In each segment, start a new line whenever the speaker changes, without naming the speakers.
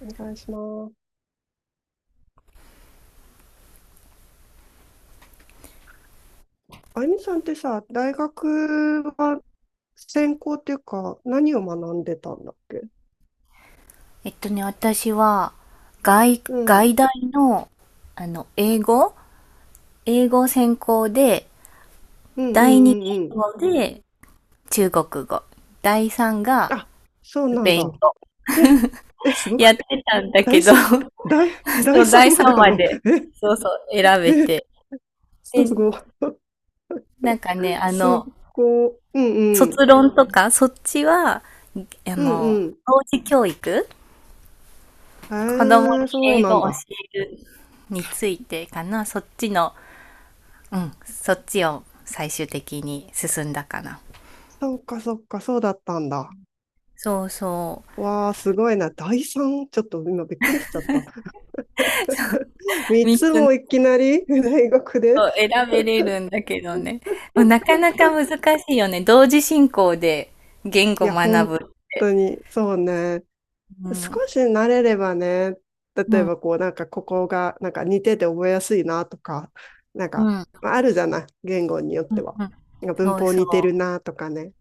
お願いします。あゆみさんってさ、大学は専攻っていうか、何を学んでたんだっけ？
私は、
うん。うん
外大の、あの、英語英語専攻で、
うんう
第二
んうん。
言語で中国語。第三が
あ、そう
ス
なん
ペイン
だ。
語。
え、すご
やっ
く、
てたんだけ
第
ど、
三、第、
そ
第
う、
三
第
まで
三まで、そうそう、選
え、
べ
え、
て。で、
すごい、
なんかね、あ
す
の、
ごい、うん
卒
うん、
論とか、そっちは、あ
うんう
の、
ん。
幼児教育子供に
そう
英
な
語
ん
を教
だ。
えるについてかな、そっちを最終的に進んだかな。
そっかそっか、そうだったんだ。
そうそう。
わあ、すごいな。第三ちょっと今びっくりしちゃった。三
3
つ
つのを
もいきなり 大学で。
選べれるんだけどね。もうなかなか難しいよね。同時進行で言
い
語
や、
学ぶ
本
って。
当に、そうね。
う
少
ん。
し慣れればね、
う
例え
ん。
ばこう、なんかここが、なんか似てて覚えやすいなとか、なんか、
うん。
まああるじゃない、言語によっ
う
て
ん。
は。
うん
なんか文
そう
法
そ
似てるなとかね。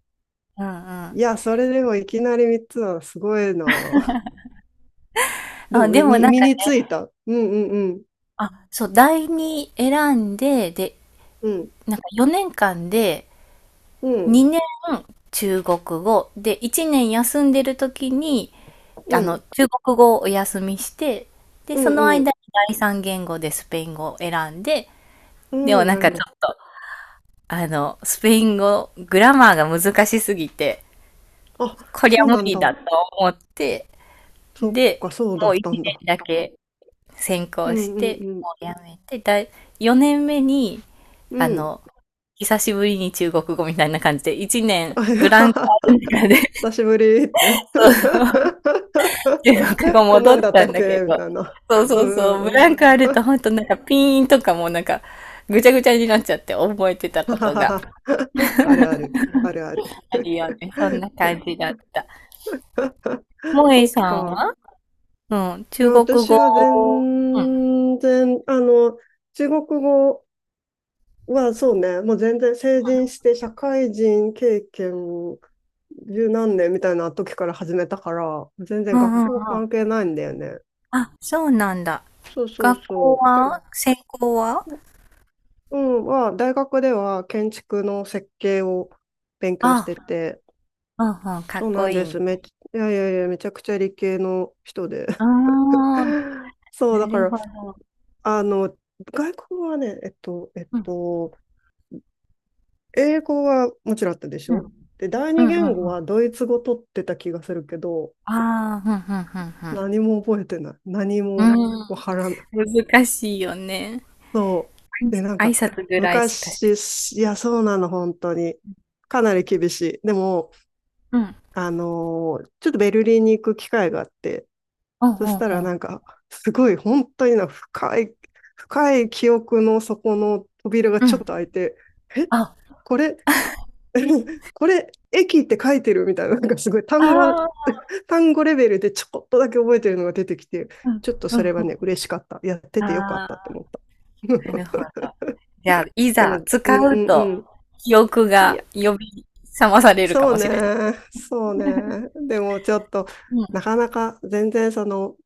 う。うんうん。
いや、それでもいきなり3つはすごいな。
あ、
ど
で
う
も
み
なん
身
か
に
ね、
ついた？うんうんうん。
あ、そう、第2選んで、で、なんか4年間で
うん
2年中国語で1年休んでる時に
うん
中国語をお休みして、で、
う
その
ん
間に第三言語でスペイン語を選んで、
う
で
んう
も
ん。
な
な
ん
る
か
ほ
ちょ
ど。
っと、あの、スペイン語、グラマーが難しすぎて、
あ、
こりゃ
そう
無
なん
理だ
だ。
と思って、
そっ
で、
か、そうだ
もう
っ
1
たんだ。
年だけ専
う
攻し
んう
て、
んうん。
もうやめて、4年目に、
う
あ
ん。
の、久しぶりに中国語みたいな感じで、1年ブランクある中で、
久しぶりって
で、なんか
こん
戻
な
っ
んだっ
た
た
ん
っ
だけ
けみ
ど、
たいな。
そう
う
そう
ん
そう、
う
ブ
んう
ラ
ん。
ンクあるとほんとなんかピーンとかもうなんかぐちゃぐちゃになっちゃって覚えてたことが
あるある、あるある。
あるよね。そんな感じだった。萌
そ
え
っ
さん
か。
はうん、
いや
中国
私
語。
は
うん。
全然、中国語はそうね、もう全然成人して社会人経験十何年みたいな時から始めたから、全
う
然
ん
学
うんう
校は関係
ん。
ないんだよね。
あ、そうなんだ。
そうそう
学校
そう。
は専攻は
うん、まあ、大学では建築の設計を勉強し
あ、
てて、
うんうん、かっ
そう
こ
なん
い
で
いね。
す。めっち、いやいやいや、めちゃくちゃ理系の人で。
ああ、
そう、だ
な
か
る
ら、
ほど。
あの、外国はね、
うん、
英語はもちろんあったでし
うん、
ょ？
う
で、第
ん、
二
うん。う
言
ん
語はドイツ語取ってた気がするけど、
ああ、うん、
何も覚えてない。何
うん、
も
うん、うん。
わからない。
うん、難しいよね。
そう。で、なん
挨
か、
拶ぐらいしかし
昔、
て。
いや、そうなの、本当に。かなり厳しい。でも、
うん。う
ちょっとベルリンに行く機会があって、
んう
そ
ん
し
う
たら
ん。
なんか、すごい本当にな深い、深い記憶の底の扉が
う
ちょ
ん。
っと開いて、え、
あ、
これ、これ、駅って書いてるみたいな、なんかすごい
ああ
単語レベルでちょこっとだけ覚えてるのが出てきて、
うん
ちょっと
う
それは
ん。
ね、嬉しかった。やって
あ。ん。
てよかっ
あ
たって思
あ。
った。
なるほ ど。じゃあ、い
で
ざ
も、
使
うんう
う
ん
と、
うん。
記憶
い
が
や、
呼び覚まされるか
そう
もし
ね、
れない。
そうね。でもちょっと、
う
な
ん。
かなか全然その、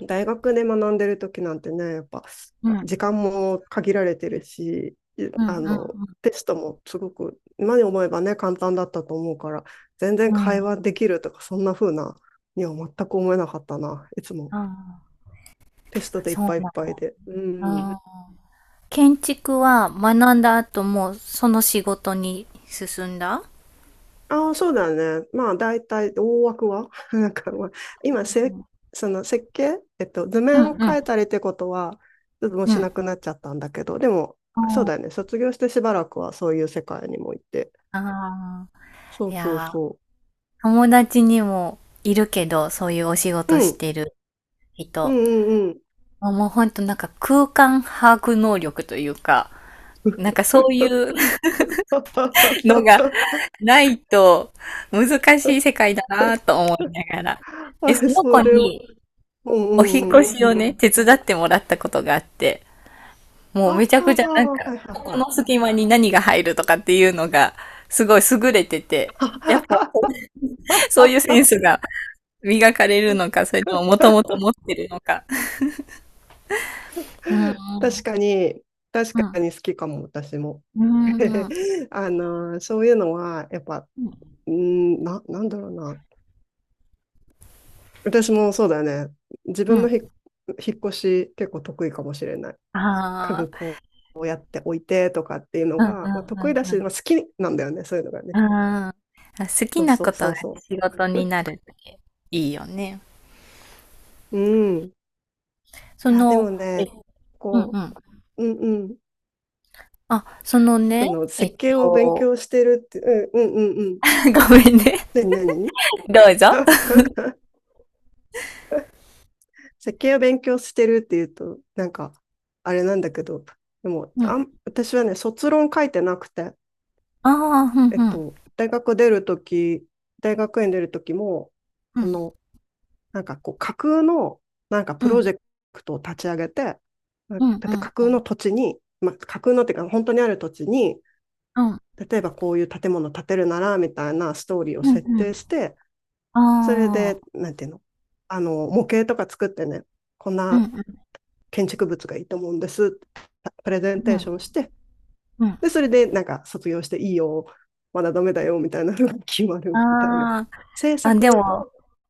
大学で学んでる時なんてね、やっぱ
うん
時間も限られてるし、い
うん
あ
う
の、
ん。
テストもすごく、今に思えばね、簡単だったと思うから、全然
う
会
ん。
話できるとか、そんな風なには全く思えなかったな。いつも
ああ、
テストでいっ
そう
ぱいいっ
な
ぱいで。う
ん
ん。
だ。建築は学んだ後もその仕事に進んだ
ああ、そうだね。まあ、大体、大枠は なんか、まあ、今せ、その設計、図
う
面を
ん
変え
う
たりってことは、ちょっともう
ん。う
しなく
ん。
なっちゃったんだけど、でも、そうだよね。卒業してしばらくはそういう世界にも行って。
ああ。
そ
い
うそう
や
そ
友達にもいるけど、そういうお仕
う。
事
う
し
ん、
てる
う
人。
んうんうん。
あもうほんとなんか空間把握能力というか、なんかそういう のがないと難しい世界だなと思いながら。え、そ
あ、
の
そ
子
れは、
に
うん
お引っ
うん
越し
う
を
ん。
ね、手伝ってもらったことがあって、もう
あ
めちゃくちゃなん
あ、
か、
はい
ここ
は
の
い
隙間に何が入るとかっていうのがすごい優れてて、
は
やっぱそういうセ
い。
ンスが磨かれるのか、それとももともと持ってるのか。うんうん。
確かに、確
うん。
かに好きかも、私も。
うん、うん。
そういうのは、やっぱ、うん、なんだろうな。私もそうだよね。自
う
分のひ
ん。
引っ越し結構得意かもしれない。家
ああ、
具こうやって置いてとかっていうの
うんう
が、
ん
まあ、
う
得意だ
んう
し、
ん。
まあ、好きなんだよね、そういうのがね。
あーあ、好き
そう
な
そ
こ
う
と
そ
が
うそ
仕事に
う。
なるっていいよね。
うん。
そ
いや、で
の、
も
え
ね、
うんう
こ
ん。
う、うんうん。
あ、そのね、
その
えっ
設計を勉
と、
強してるって、うんうんうんうん。
ごめんね。
何何
どうぞ。
設計を勉強してるっていうと、なんか、あれなんだけど、でも、
うん。
私はね、卒論書いてなくて、
ああ、うん
大学出るとき、大学院出るときも、あの、なんかこう、架空の、なんかプロジェクトを立ち上げて、例え
うん
ば
うんうん。
架空の土地に、まあ、架空のっていうか、本当にある土地に、
うん。
例えばこういう建物建てるなら、みたいなストーリーを
うんうん。
設
うんうん
定して、それ
あ
で、
あ。
なんていうの、模型とか作ってね、こん
うん
な
うん
建築物がいいと思うんです。プレゼン
う
テーシ
ん。
ョンして、
うん。
で、それでなんか卒業していいよ、まだダメだよみたいなのが決ま
あ
るみたいな。制
あ。あ、で
作
も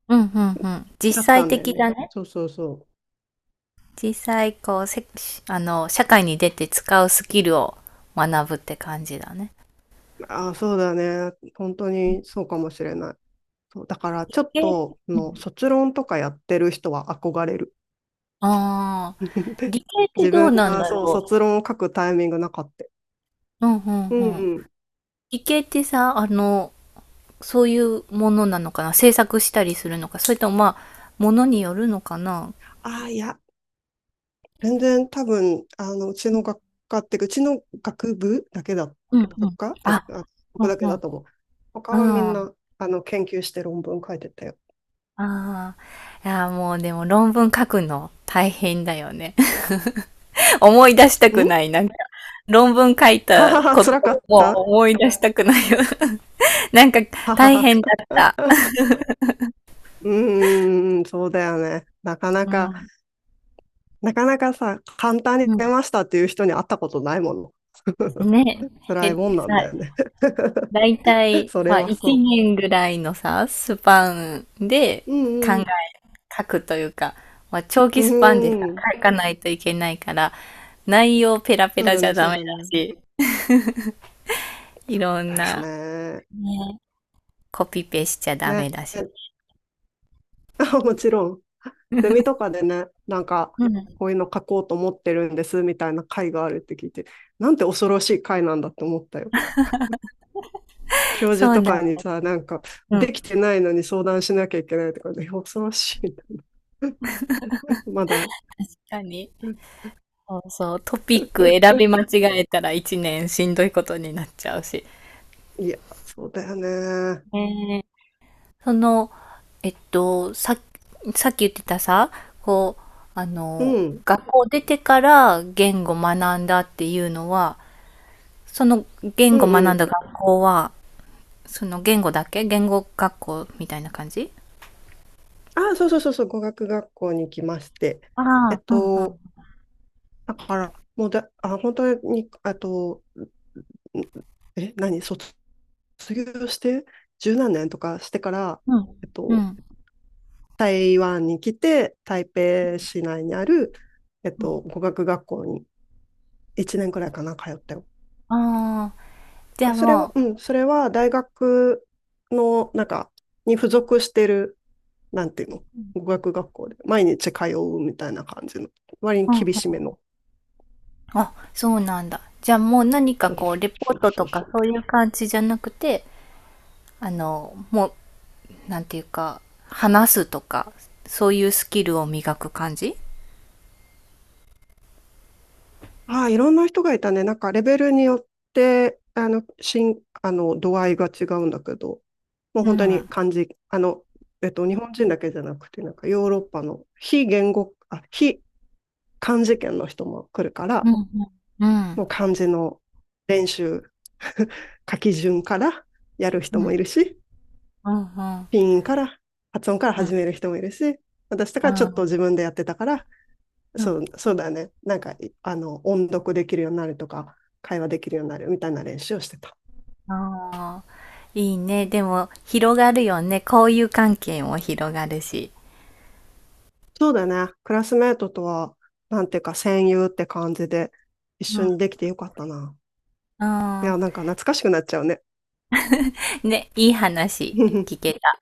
うん、うんうん。実
だった
際
んだよ
的
ね。
だね。
そうそうそ
実際こうせ社会に出て使うスキルを学ぶって感じだね。
う。ああ、そうだね。本当にそうかもしれない。そうだからちょっ
え、
と
うん
の卒論とかやってる人は憧れる。
ああ、理系って
自
どう
分
なん
が
だ
そう卒
ろ
論を書くタイミングなかった。
う。うんうん
うん
うん。
うん。
理系ってさ、そういうものなのかな、制作したりするのか、それともまあ、ものによるのかな。
ああ、いや、全然多分、うちの学科っていうか、うちの学部だけだ、
うんう
学
ん。
科だ、
あ、
あ、こ
う
こ
ん
だけ
うん。
だと思う。他
うん。
はみん
あ
な、研究して論文書いてたよ。
あ。いや、もうでも論文書くの大変だよね。思い出したく
ん
ない。論文書い
は
た
はは、
こと
辛か
を
っ
もう
た
思い出したくないよ。なんか、
はは
大
は。
変だった。
うーん、そうだよね。なかな
う
か、
ん。
なかなかさ、簡単に
う
出
ん。
ましたっていう人に会ったことないもの。
ね。
辛
え、
いもんなんだ
さ、
よね。
だいた い、
そ
ま
れ
あ、
は
1
そ
年ぐらいのさ、スパンで
う。う
考
んう
え、
ん。
書くというか、まあ、長期
う
スパンでさ、
ん。
書かないといけないから、内容ペラペ
そう
ラ
だ
じゃ
ね、そ
ダ
う
メ
だ
だ
ね。
し、い
そう
ろん
だよ
な、
ね。
ね、コピペしちゃダ
ね。
メだし。
もちろん、ゼミと かでね、なんか、
うん。
こういうの書こうと思ってるんですみたいな会があるって聞いて、なんて恐ろしい会なんだって思ったよ。教授
そう
と
だ。
かにさ、なんか、
うん。
できてないのに相談しなきゃいけないとかね、恐ろしいな。まだ。
何そうそう、トピック選び間 違えたら一年しんどいことになっちゃうし。
いや、そうだよね。
ねえその、えっと、さ、さっき言ってたさ、こう、
うん、
学校出てから言語学んだっていうのは、その言
う
語学
んう
ん
ん。
だ学校は、その言語だけ言語学校みたいな感じ
あ、そうそうそうそう、語学学校に来まして。
あ
えっ
あ、うんうん。
と、だから、もうだ、あ、本当に、あと、ん何、卒業して十何年とかしてから、
うん。
えっ
う
と、
ん。
台湾に来て、台北市内にある、
うん
語学学校に1年くらいかな、通ったよ。
ああ、じゃあ
それは、
も
うん、それは大学の、なんか、に付属してる、なんていうの、語
う、
学学校で、毎日通うみたいな感じの、割に
うん
厳しめの。
あ、そうなんだ。じゃあもう何か
そう
こう、レポ
そ
ー
う
ト
そ
と
うそ
か
う。
そういう感じじゃなくて、あの、もう、なんていうか、話すとか、そういうスキルを磨く感じ
ああ、いろんな人がいたね。なんかレベルによって、あの、しん、あの、度合いが違うんだけど、もう
う
本当
ん。
に漢字、日本人だけじゃなくて、なんかヨーロッパの非言語、あ、非漢字圏の人も来るから、
うんうん。うん。
もう漢字の練習、書き順からやる人
う
も
ん。
いるし、
うん。うん。
ピンから、発音から始める人もいるし、私と
う
かちょっと
ん。
自分でやってたから、
うん。
そう、そうだね。なんか、いあの、音読できるようになるとか、会話できるようになるみたいな練習をしてた。
ああ、いいね。でも、広がるよね。交友関係も広がるし。
そうだね。クラスメートとは、なんていうか、戦友って感じで、一
う
緒
ん。
にできてよかったな。
う
い
ん。
や、なんか懐かしくなっちゃうね。
ね、いい話聞け た。